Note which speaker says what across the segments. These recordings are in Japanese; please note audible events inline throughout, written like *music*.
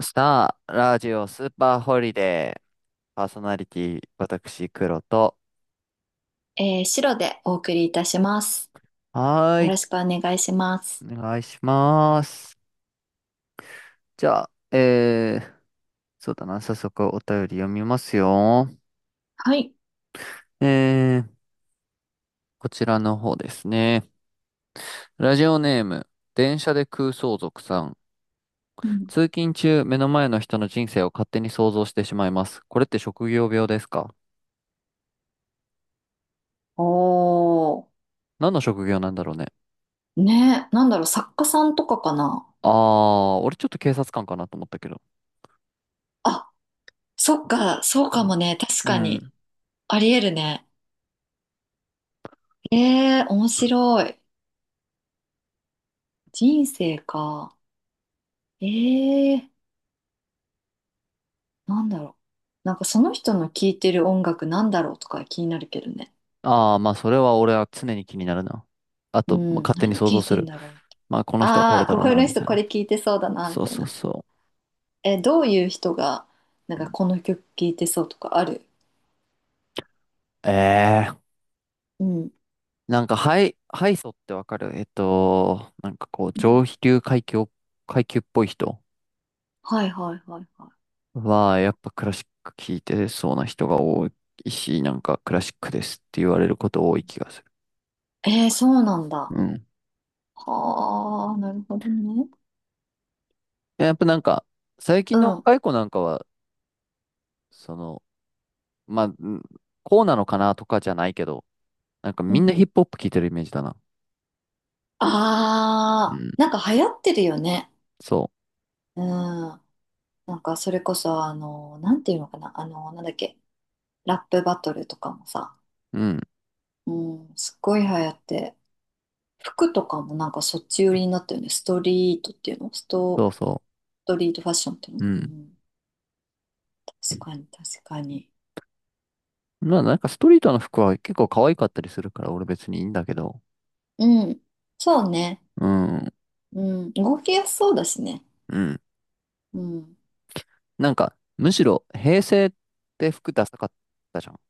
Speaker 1: スター、ラジオ、スーパーホリデー、パーソナリティ、私、黒と。
Speaker 2: 白でお送りいたします。
Speaker 1: はー
Speaker 2: よ
Speaker 1: い、
Speaker 2: ろしくお願いしま
Speaker 1: お
Speaker 2: す。
Speaker 1: 願いします。じゃあ、えー、そうだな、早速お便り読みますよ。
Speaker 2: はい。
Speaker 1: えー、こちらの方ですね。ラジオネーム、電車で空想族さん。
Speaker 2: うん。
Speaker 1: 通勤中、目の前の人の人生を勝手に想像してしまいます。これって職業病ですか？
Speaker 2: おー。
Speaker 1: 何の職業なんだろうね。
Speaker 2: ね、なんだろう、作家さんとかかな。
Speaker 1: あー、俺ちょっと警察官かなと思ったけど。
Speaker 2: あ、そっか、そう
Speaker 1: う
Speaker 2: か
Speaker 1: ん。
Speaker 2: もね、確
Speaker 1: う
Speaker 2: か
Speaker 1: ん。
Speaker 2: に。ありえるね。えー、面白い。人生か。えー、なんだろなんかその人の聴いてる音楽なんだろうとか気になるけどね。
Speaker 1: ああ、まあ、それは俺は常に気になるな。あ
Speaker 2: う
Speaker 1: と、まあ
Speaker 2: ん、
Speaker 1: 勝手に
Speaker 2: 何
Speaker 1: 想
Speaker 2: 聴
Speaker 1: 像
Speaker 2: い
Speaker 1: す
Speaker 2: てん
Speaker 1: る。
Speaker 2: だろう。
Speaker 1: まあ、この人はこ
Speaker 2: あ
Speaker 1: れ
Speaker 2: あ、
Speaker 1: だ
Speaker 2: こ
Speaker 1: ろう
Speaker 2: こ
Speaker 1: な、
Speaker 2: の
Speaker 1: み
Speaker 2: 人
Speaker 1: たい
Speaker 2: こ
Speaker 1: な。
Speaker 2: れ聴いてそうだな、み
Speaker 1: そう
Speaker 2: たい
Speaker 1: そう
Speaker 2: な。
Speaker 1: そ
Speaker 2: え、どういう人が、なん
Speaker 1: う。う
Speaker 2: か
Speaker 1: ん。
Speaker 2: この曲聴いてそうとかある？
Speaker 1: ええ、
Speaker 2: うん。
Speaker 1: なんか、ハイソってわかる？なんかこう、
Speaker 2: うん。
Speaker 1: 上流階級、階級っぽい人
Speaker 2: はいはいはいは
Speaker 1: は、やっぱクラシック聴いてそうな人が多いし、なんかクラシックですって言われること多い気がする。
Speaker 2: い。えー、そうなんだ。
Speaker 1: うん。
Speaker 2: はあ、なるほどね。
Speaker 1: やっぱなんか、最近
Speaker 2: う
Speaker 1: の
Speaker 2: ん、
Speaker 1: 若い子なんかは、その、まあ、うん、こうなのかなとかじゃないけど、なんか
Speaker 2: う
Speaker 1: みん
Speaker 2: ん。
Speaker 1: なヒップホップ聴いてるイメージだな。
Speaker 2: あ
Speaker 1: う
Speaker 2: あ、
Speaker 1: ん。
Speaker 2: なんか流行ってるよね。
Speaker 1: そ
Speaker 2: うん。なんかそれこそ、なんていうのかな。なんだっけ。ラップバトルとかもさ。
Speaker 1: う。うん。
Speaker 2: うん、すっごい流行って。服とかもなんかそっち寄りになったよね。ストリートっていうのスト、
Speaker 1: そうそ
Speaker 2: ストリートファッションっていうの。
Speaker 1: う。う
Speaker 2: う
Speaker 1: ん。
Speaker 2: ん、確かに確かに。
Speaker 1: まあなんかストリートの服は結構可愛かったりするから俺別にいいんだけど。
Speaker 2: うん。そうね。
Speaker 1: うん。
Speaker 2: うん。動きやすそうだしね。
Speaker 1: うん。
Speaker 2: うん。
Speaker 1: なんかむしろ平成って服ダサかったじゃん。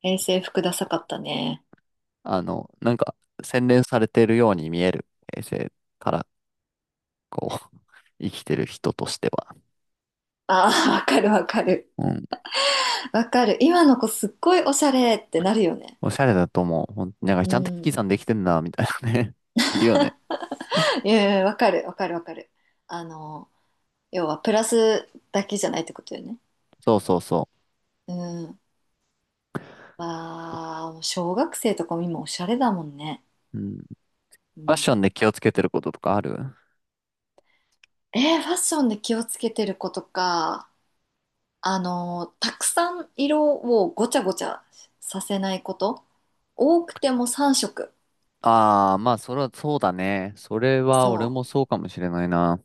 Speaker 2: 平成服ダサかったね。
Speaker 1: なんか洗練されてるように見える平成からこう *laughs* 生きてる人としては。
Speaker 2: ああ、わかるわかる。
Speaker 1: うん。
Speaker 2: わかる。今の子すっごいおしゃれってなるよね。
Speaker 1: おしゃれだと思う。ほんなんか
Speaker 2: う
Speaker 1: ちゃんと引き
Speaker 2: ん。
Speaker 1: 算できてんな、みたいなね。*laughs* いるよね。
Speaker 2: いやいや、わかるわかるわかる。あの、要はプラスだけじゃないってことよね。
Speaker 1: そうそうそ
Speaker 2: うん。わあ、もう小学生とかも今おしゃれだもんね。
Speaker 1: う。うん。フ
Speaker 2: う
Speaker 1: ァッション
Speaker 2: ん。
Speaker 1: で気をつけてることとかある？
Speaker 2: えー、ファッションで気をつけてる子とか。たくさん色をごちゃごちゃさせないこと。多くても3色。
Speaker 1: ああ、まあ、それはそうだね。それは
Speaker 2: そ
Speaker 1: 俺もそうかもしれないな。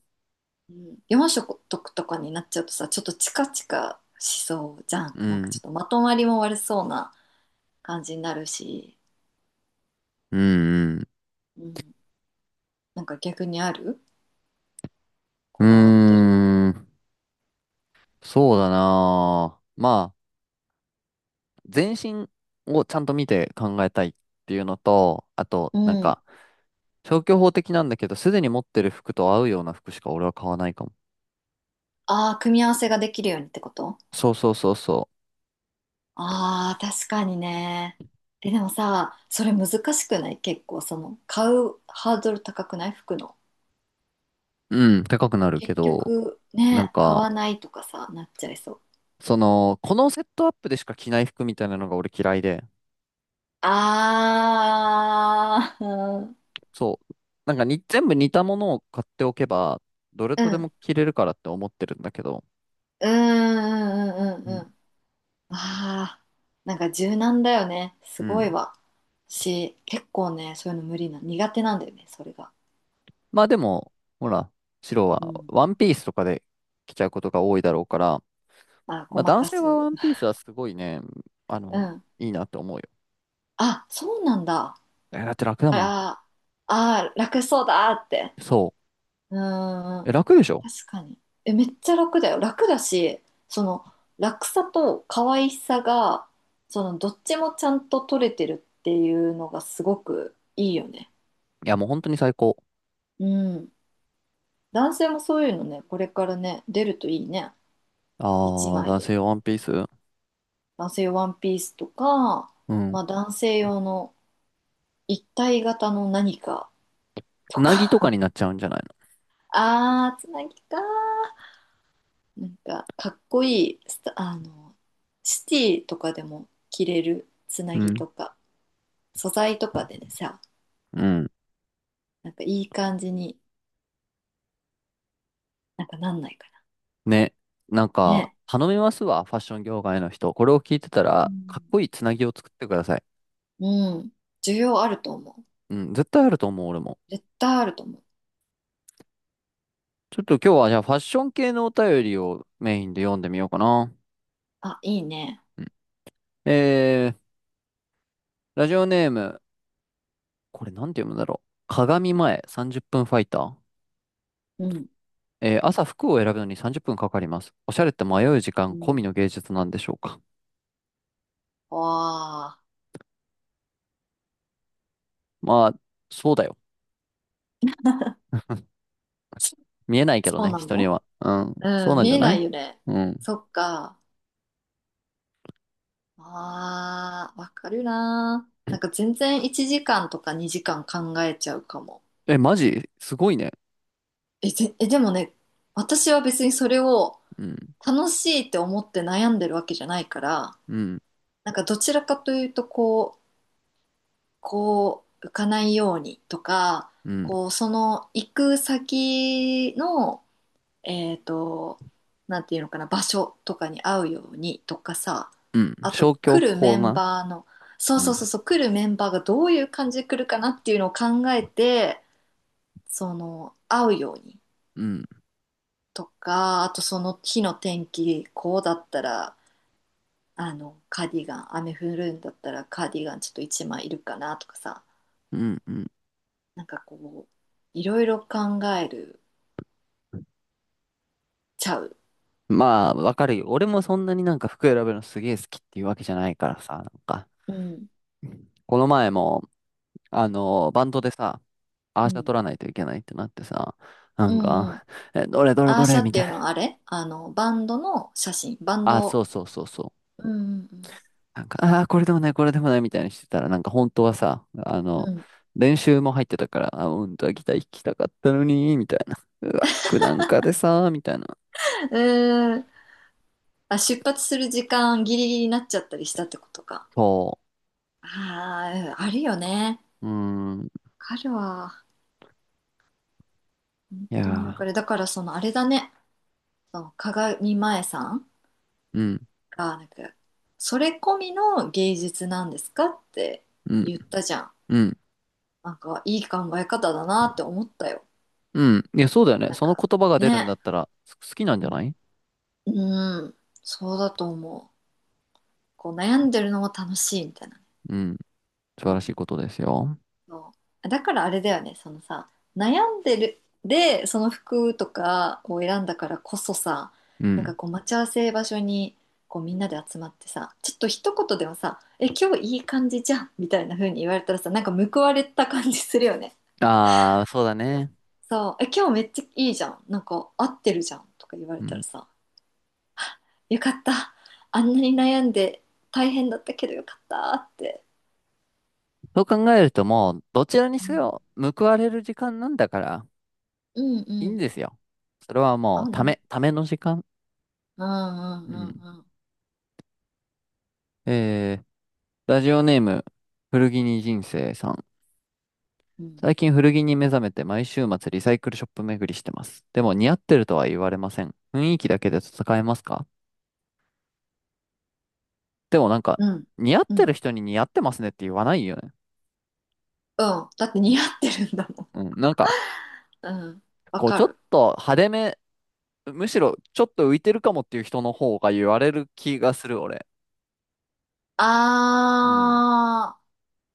Speaker 2: う。うん、4色とかになっちゃうとさ、ちょっとチカチカしそうじゃん。
Speaker 1: う
Speaker 2: なんかちょ
Speaker 1: ん。
Speaker 2: っとまとまりも悪そうな感じになるし。
Speaker 1: うん、
Speaker 2: うん。なんか逆にある？
Speaker 1: う
Speaker 2: こだわってる。
Speaker 1: ん。うーん。そうだな。まあ、全身をちゃんと見て考えたいっていうのと、あと、
Speaker 2: う
Speaker 1: なん
Speaker 2: ん。
Speaker 1: か、消去法的なんだけど、すでに持ってる服と合うような服しか俺は買わないかも。
Speaker 2: ああ、組み合わせができるようにってこと？
Speaker 1: そうそうそうそ
Speaker 2: ああー、確かにね。え、でもさ、それ難しくない？結構、その、買うハードル高くない？服の。
Speaker 1: う。うん、高くなるけ
Speaker 2: 結
Speaker 1: ど、
Speaker 2: 局
Speaker 1: なん
Speaker 2: ね、買
Speaker 1: か、
Speaker 2: わないとかさ、なっちゃいそう。
Speaker 1: このセットアップでしか着ない服みたいなのが俺嫌いで、
Speaker 2: あー、う
Speaker 1: そう。なんかに、全部似たものを買っておけば、どれ
Speaker 2: ん、う
Speaker 1: とで
Speaker 2: ん、
Speaker 1: も着れるからって思ってるんだけど、
Speaker 2: うん、うん、
Speaker 1: うん。
Speaker 2: うん。あー、なんか柔軟だよね。す
Speaker 1: う
Speaker 2: ごい
Speaker 1: ん。
Speaker 2: わ。私、結構ね、そういうの無理な、苦手なんだよね、それが。
Speaker 1: まあでも、ほら、白
Speaker 2: う
Speaker 1: は
Speaker 2: ん。
Speaker 1: ワンピースとかで着ちゃうことが多いだろうから、
Speaker 2: あ、ご
Speaker 1: まあ
Speaker 2: ま
Speaker 1: 男
Speaker 2: か
Speaker 1: 性はワ
Speaker 2: す。
Speaker 1: ンピースはすごいね、あ
Speaker 2: う
Speaker 1: の、
Speaker 2: ん。
Speaker 1: いいなと思うよ。
Speaker 2: あ、そうなんだ。
Speaker 1: え、だって楽だ
Speaker 2: あ
Speaker 1: もん。
Speaker 2: ら。あー、楽そうだって。
Speaker 1: そ
Speaker 2: う
Speaker 1: う。
Speaker 2: ん、
Speaker 1: え、楽でしょ？
Speaker 2: 確かに。え、めっちゃ楽だよ。楽だし、その楽さと可愛さが、そのどっちもちゃんと取れてるっていうのがすごくいいよね。
Speaker 1: いや、もう本当に最高。
Speaker 2: うん。男性もそういうのね、これからね、出るといいね。一
Speaker 1: あー、
Speaker 2: 枚
Speaker 1: 男
Speaker 2: で。
Speaker 1: 性ワンピース。
Speaker 2: 男性用ワンピースとか、
Speaker 1: うん。
Speaker 2: まあ男性用の一体型の何かと
Speaker 1: うなぎとかに
Speaker 2: か。
Speaker 1: なっちゃうんじゃない
Speaker 2: *laughs* あー、つなぎかー。なんかかっこいいスタシティとかでも着れるつな
Speaker 1: の？う
Speaker 2: ぎ
Speaker 1: ん。
Speaker 2: とか素材とかでねさ、
Speaker 1: うん。
Speaker 2: なんかいい感じになんかなんないか
Speaker 1: ね、なん
Speaker 2: な。
Speaker 1: か、
Speaker 2: ね。
Speaker 1: 頼みますわ、ファッション業界の人。これを聞いてた
Speaker 2: う
Speaker 1: ら、かっ
Speaker 2: ん、
Speaker 1: こいいつなぎを作ってください。
Speaker 2: うん、需要あると思う。
Speaker 1: うん、絶対あると思う、俺も。
Speaker 2: 絶対あると思う。
Speaker 1: ちょっと今日はじゃあファッション系のお便りをメインで読んでみようかな。
Speaker 2: あ、いいね。
Speaker 1: うん、えー、ラジオネーム、これなんて読むんだろう。鏡前30分ファイター。
Speaker 2: うん、
Speaker 1: 朝服を選ぶのに30分かかります。おしゃれって迷う時
Speaker 2: う
Speaker 1: 間込みの
Speaker 2: ん。
Speaker 1: 芸術なんでしょうか。
Speaker 2: わあ。
Speaker 1: まあ、そうだよ。
Speaker 2: そ、
Speaker 1: 見えないけど
Speaker 2: そう
Speaker 1: ね、
Speaker 2: な
Speaker 1: 人に
Speaker 2: の。
Speaker 1: は。うん、そ
Speaker 2: う
Speaker 1: う
Speaker 2: ん、
Speaker 1: なん
Speaker 2: 見
Speaker 1: じゃ
Speaker 2: え
Speaker 1: な
Speaker 2: ない
Speaker 1: い？
Speaker 2: よね。
Speaker 1: うん。
Speaker 2: そっか。ああ、わかるな。なんか全然1時間とか2時間考えちゃうかも。
Speaker 1: え、マジすごいね。
Speaker 2: え、ぜ、え、でもね、私は別にそれを
Speaker 1: うん。
Speaker 2: 楽しいって思って悩んでるわけじゃないから、
Speaker 1: うん。
Speaker 2: なんかどちらかというと、こう、浮かないようにとか、
Speaker 1: うん、
Speaker 2: こう、その行く先の、えっと、なんていうのかな、場所とかに合うようにとかさ、
Speaker 1: うん、
Speaker 2: あと
Speaker 1: 消去
Speaker 2: 来るメ
Speaker 1: 法
Speaker 2: ン
Speaker 1: な。
Speaker 2: バーの、そう
Speaker 1: う
Speaker 2: そう
Speaker 1: ん、
Speaker 2: そうそう、来るメンバーがどういう感じで来るかなっていうのを考えて、その、合うように。
Speaker 1: うん、
Speaker 2: とか、あとその日の天気、こうだったら、あの、カーディガン、雨降るんだったらカーディガンちょっと一枚いるかなとかさ、
Speaker 1: うん、うん。
Speaker 2: なんかこう、いろいろ考えるちゃう。
Speaker 1: まあ、わかるよ。俺もそんなになんか服選ぶのすげえ好きっていうわけじゃないからさ、なんか、
Speaker 2: うん、
Speaker 1: この前も、バンドでさ、ア
Speaker 2: う
Speaker 1: ーシャ
Speaker 2: ん、
Speaker 1: 取らないといけないってなってさ、な
Speaker 2: う
Speaker 1: ん
Speaker 2: ん、
Speaker 1: か、
Speaker 2: うん。
Speaker 1: え、どれどれ
Speaker 2: アー
Speaker 1: ど
Speaker 2: シ
Speaker 1: れ
Speaker 2: ャっ
Speaker 1: み
Speaker 2: て
Speaker 1: た
Speaker 2: い
Speaker 1: い
Speaker 2: う
Speaker 1: な。
Speaker 2: のはあれ、あの、バンドの写真、バン
Speaker 1: あ、そ
Speaker 2: ド、
Speaker 1: うそうそうそう。
Speaker 2: うん、うん、
Speaker 1: なんか、ああ、これでもない、これでもないみたいにしてたら、なんか本当はさ、
Speaker 2: うん。うん、
Speaker 1: 練習も入ってたから、あ、本当はギター弾きたかったのに、みたいな。うわ、服なんかでさ、みたいな。
Speaker 2: うーん。あ、出発する時間ギリギリになっちゃったりしたってことか。
Speaker 1: そ
Speaker 2: ああ、うん、あるよね。
Speaker 1: う。うー、
Speaker 2: わかるわ。本
Speaker 1: いや
Speaker 2: 当にわか
Speaker 1: ー、
Speaker 2: る。だからそのあれだね。そう、鏡前さん
Speaker 1: うん、
Speaker 2: が、なんか、それ込みの芸術なんですかって
Speaker 1: うん、
Speaker 2: 言ったじゃん。
Speaker 1: うん、
Speaker 2: なんか、いい考え方だなって思ったよ。
Speaker 1: うん。いや、そうだよね。
Speaker 2: なん
Speaker 1: その
Speaker 2: か、
Speaker 1: 言葉が出るんだっ
Speaker 2: ね。
Speaker 1: たら、好きなん
Speaker 2: う
Speaker 1: じゃな
Speaker 2: ん、
Speaker 1: い？
Speaker 2: うん、そうだと思う。こう、悩んでるのも楽しいみたいなね。
Speaker 1: うん、素
Speaker 2: う
Speaker 1: 晴らしい
Speaker 2: ん。
Speaker 1: ことですよ。
Speaker 2: そうだからあれだよね、そのさ、悩んでるでその服とかを選んだからこそさ、
Speaker 1: う
Speaker 2: なんか
Speaker 1: ん。
Speaker 2: こう待ち合わせ場所にこうみんなで集まってさ、ちょっと一言でもさ「え、今日いい感じじゃん」みたいな風に言われたらさ、なんか報われた感じするよね。
Speaker 1: ああ、そうだ
Speaker 2: うん。
Speaker 1: ね。
Speaker 2: そう、「え、今日めっちゃいいじゃん、なんか合ってるじゃん」とか言われ
Speaker 1: う
Speaker 2: たら
Speaker 1: ん。
Speaker 2: さ、「よかった、あんなに悩んで大変だったけど、よかった」って。
Speaker 1: そう考えるともう、どちらに
Speaker 2: う
Speaker 1: せ
Speaker 2: ん
Speaker 1: よ、報われる時間なんだから、
Speaker 2: うん
Speaker 1: いい
Speaker 2: う
Speaker 1: ん
Speaker 2: ん。
Speaker 1: ですよ。それはも
Speaker 2: 合
Speaker 1: う、
Speaker 2: う
Speaker 1: た
Speaker 2: ね。
Speaker 1: め、ための時間。
Speaker 2: うんうん
Speaker 1: う
Speaker 2: う
Speaker 1: ん。
Speaker 2: んうん。
Speaker 1: えー、ラジオネーム、古着に人生さん。
Speaker 2: うん
Speaker 1: 最近古着に目覚めて毎週末リサイクルショップ巡りしてます。でも似合ってるとは言われません。雰囲気だけで戦えますか？でもなんか、
Speaker 2: うん。
Speaker 1: 似合っ
Speaker 2: う
Speaker 1: てる
Speaker 2: ん。
Speaker 1: 人に似合ってますねって言わないよね。
Speaker 2: うん。だって
Speaker 1: うん。
Speaker 2: 似合ってるんだもん。
Speaker 1: うん。なんか、
Speaker 2: うん。わ
Speaker 1: こう、ち
Speaker 2: か
Speaker 1: ょっ
Speaker 2: る。
Speaker 1: と派手め、むしろちょっと浮いてるかもっていう人の方が言われる気がする、俺。うん。
Speaker 2: あー。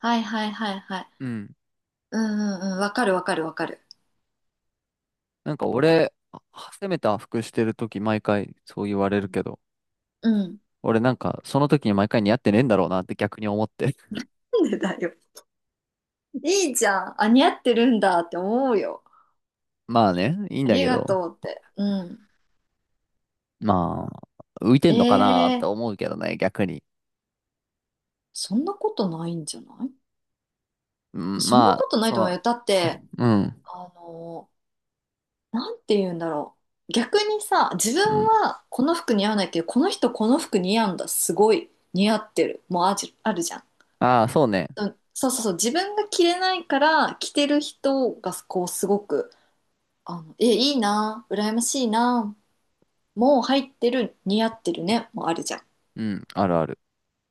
Speaker 2: はいはいはいはい。
Speaker 1: うん。
Speaker 2: うんうんうん。わかるわかるわかる。
Speaker 1: なんか俺、あ、攻めた服してる時毎回そう言われるけど、
Speaker 2: うん。
Speaker 1: 俺なんか、その時に毎回似合ってねえんだろうなって逆に思って。
Speaker 2: なんでだよ。いいじゃん。あ、似合ってるんだって思うよ。
Speaker 1: *laughs* まあね、いいん
Speaker 2: あ
Speaker 1: だ
Speaker 2: り
Speaker 1: け
Speaker 2: が
Speaker 1: ど、
Speaker 2: とうって。うん。
Speaker 1: まあ、浮いて
Speaker 2: え
Speaker 1: んのかなって
Speaker 2: ー、
Speaker 1: 思うけどね、逆に。
Speaker 2: そんなことないんじゃない？
Speaker 1: うん、
Speaker 2: そん
Speaker 1: ま
Speaker 2: な
Speaker 1: あ、
Speaker 2: ことないと思うよ。だって、
Speaker 1: うん、
Speaker 2: あのなんて言うんだろう。逆にさ、自
Speaker 1: うん。
Speaker 2: 分はこの服似合わないけど、この人この服似合うんだ。すごい似合ってる。もうあじ、あるじゃん。
Speaker 1: ああ、そうね。
Speaker 2: うん、そうそうそう。自分が着れないから、着てる人がこうすごく、あの、え、いいな、羨ましいな、もう入ってる、似合ってるね、もうあるじゃん。
Speaker 1: うん、あるある。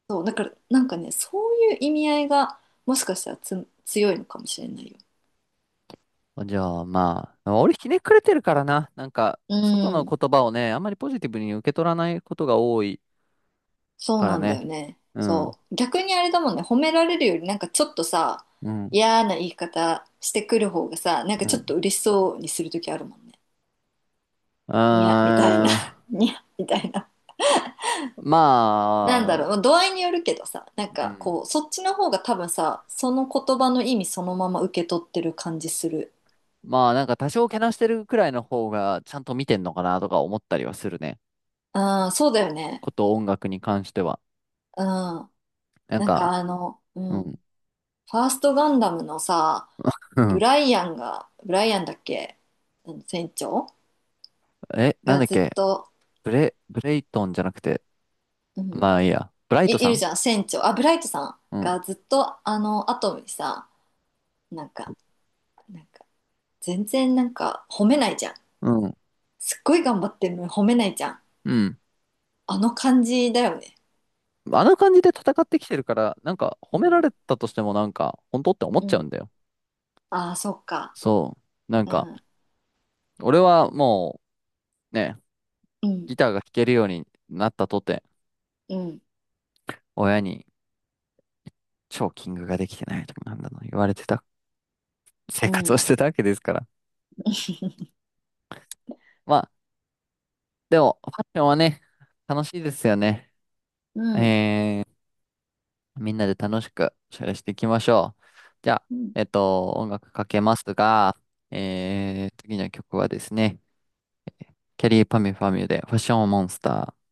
Speaker 2: そう、だから、なんかね、そういう意味合いが、もしかしたら強いのかもしれないよ。
Speaker 1: じゃあまあ、俺ひねくれてるからな。なんか、
Speaker 2: う
Speaker 1: 外の
Speaker 2: ん。
Speaker 1: 言葉をね、あんまりポジティブに受け取らないことが多い
Speaker 2: そう
Speaker 1: から
Speaker 2: なんだ
Speaker 1: ね。
Speaker 2: よね。
Speaker 1: うん、
Speaker 2: そう。逆にあれだもんね、褒められるよりなんかちょっとさ、
Speaker 1: うん、
Speaker 2: 嫌な言い方してくる方がさ、なんか
Speaker 1: う
Speaker 2: ちょっ
Speaker 1: ん。
Speaker 2: と嬉しそうにするときあるもんね。
Speaker 1: うー
Speaker 2: にや、みたいな。
Speaker 1: ん、
Speaker 2: *laughs* にや、みたいな。
Speaker 1: ま
Speaker 2: なんだろう、ま
Speaker 1: あ、
Speaker 2: あ度合いによるけどさ、なん
Speaker 1: う
Speaker 2: か
Speaker 1: ん。
Speaker 2: こう、そっちの方が多分さ、その言葉の意味そのまま受け取ってる感じする。
Speaker 1: まあなんか多少けなしてるくらいの方がちゃんと見てんのかなとか思ったりはするね。
Speaker 2: うん、そうだよね。
Speaker 1: こと音楽に関しては。
Speaker 2: うん。
Speaker 1: なん
Speaker 2: なんか
Speaker 1: か、
Speaker 2: あの、う
Speaker 1: う
Speaker 2: ん。
Speaker 1: ん、
Speaker 2: ファーストガンダムのさ、
Speaker 1: *laughs* う
Speaker 2: ブ
Speaker 1: ん。
Speaker 2: ライアンが、ブライアンだっけ？あの船長
Speaker 1: え、なん
Speaker 2: が
Speaker 1: だっ
Speaker 2: ずっ
Speaker 1: け？
Speaker 2: と、
Speaker 1: ブレイトンじゃなくて、
Speaker 2: うん、
Speaker 1: まあいいや。ブライト
Speaker 2: い、い
Speaker 1: さ
Speaker 2: るじ
Speaker 1: ん。
Speaker 2: ゃん、船長。あ、ブライトさん
Speaker 1: うん、
Speaker 2: がずっとあのアトムにさ、なんか、なんか、全然なんか褒めないじゃん。
Speaker 1: うん、
Speaker 2: すっごい頑張ってるのに褒めないじゃん。
Speaker 1: うん。
Speaker 2: あの感じだよね。
Speaker 1: あの感じで戦ってきてるから、なんか
Speaker 2: う
Speaker 1: 褒めら
Speaker 2: ん、
Speaker 1: れたとしてもなんか、本当って思っ
Speaker 2: う
Speaker 1: ちゃう
Speaker 2: ん。
Speaker 1: んだよ。
Speaker 2: ああ、そっか。
Speaker 1: そう。なん
Speaker 2: う
Speaker 1: か、
Speaker 2: ん、
Speaker 1: 俺はもうね、
Speaker 2: うん、
Speaker 1: ギターが弾けるようになったとて、
Speaker 2: うん、
Speaker 1: 親にチョーキングができてないとかなんだの言われてた
Speaker 2: う
Speaker 1: 生活を
Speaker 2: ん、
Speaker 1: してたわけですから。まあ、でも、ファッションはね、楽しいですよね。
Speaker 2: うん。
Speaker 1: えー、みんなで楽しくおしゃれしていきましょう。じゃあ、
Speaker 2: うん
Speaker 1: 音楽かけますが、次の曲はですね、キャリーパミュパミュでファッションモンスター。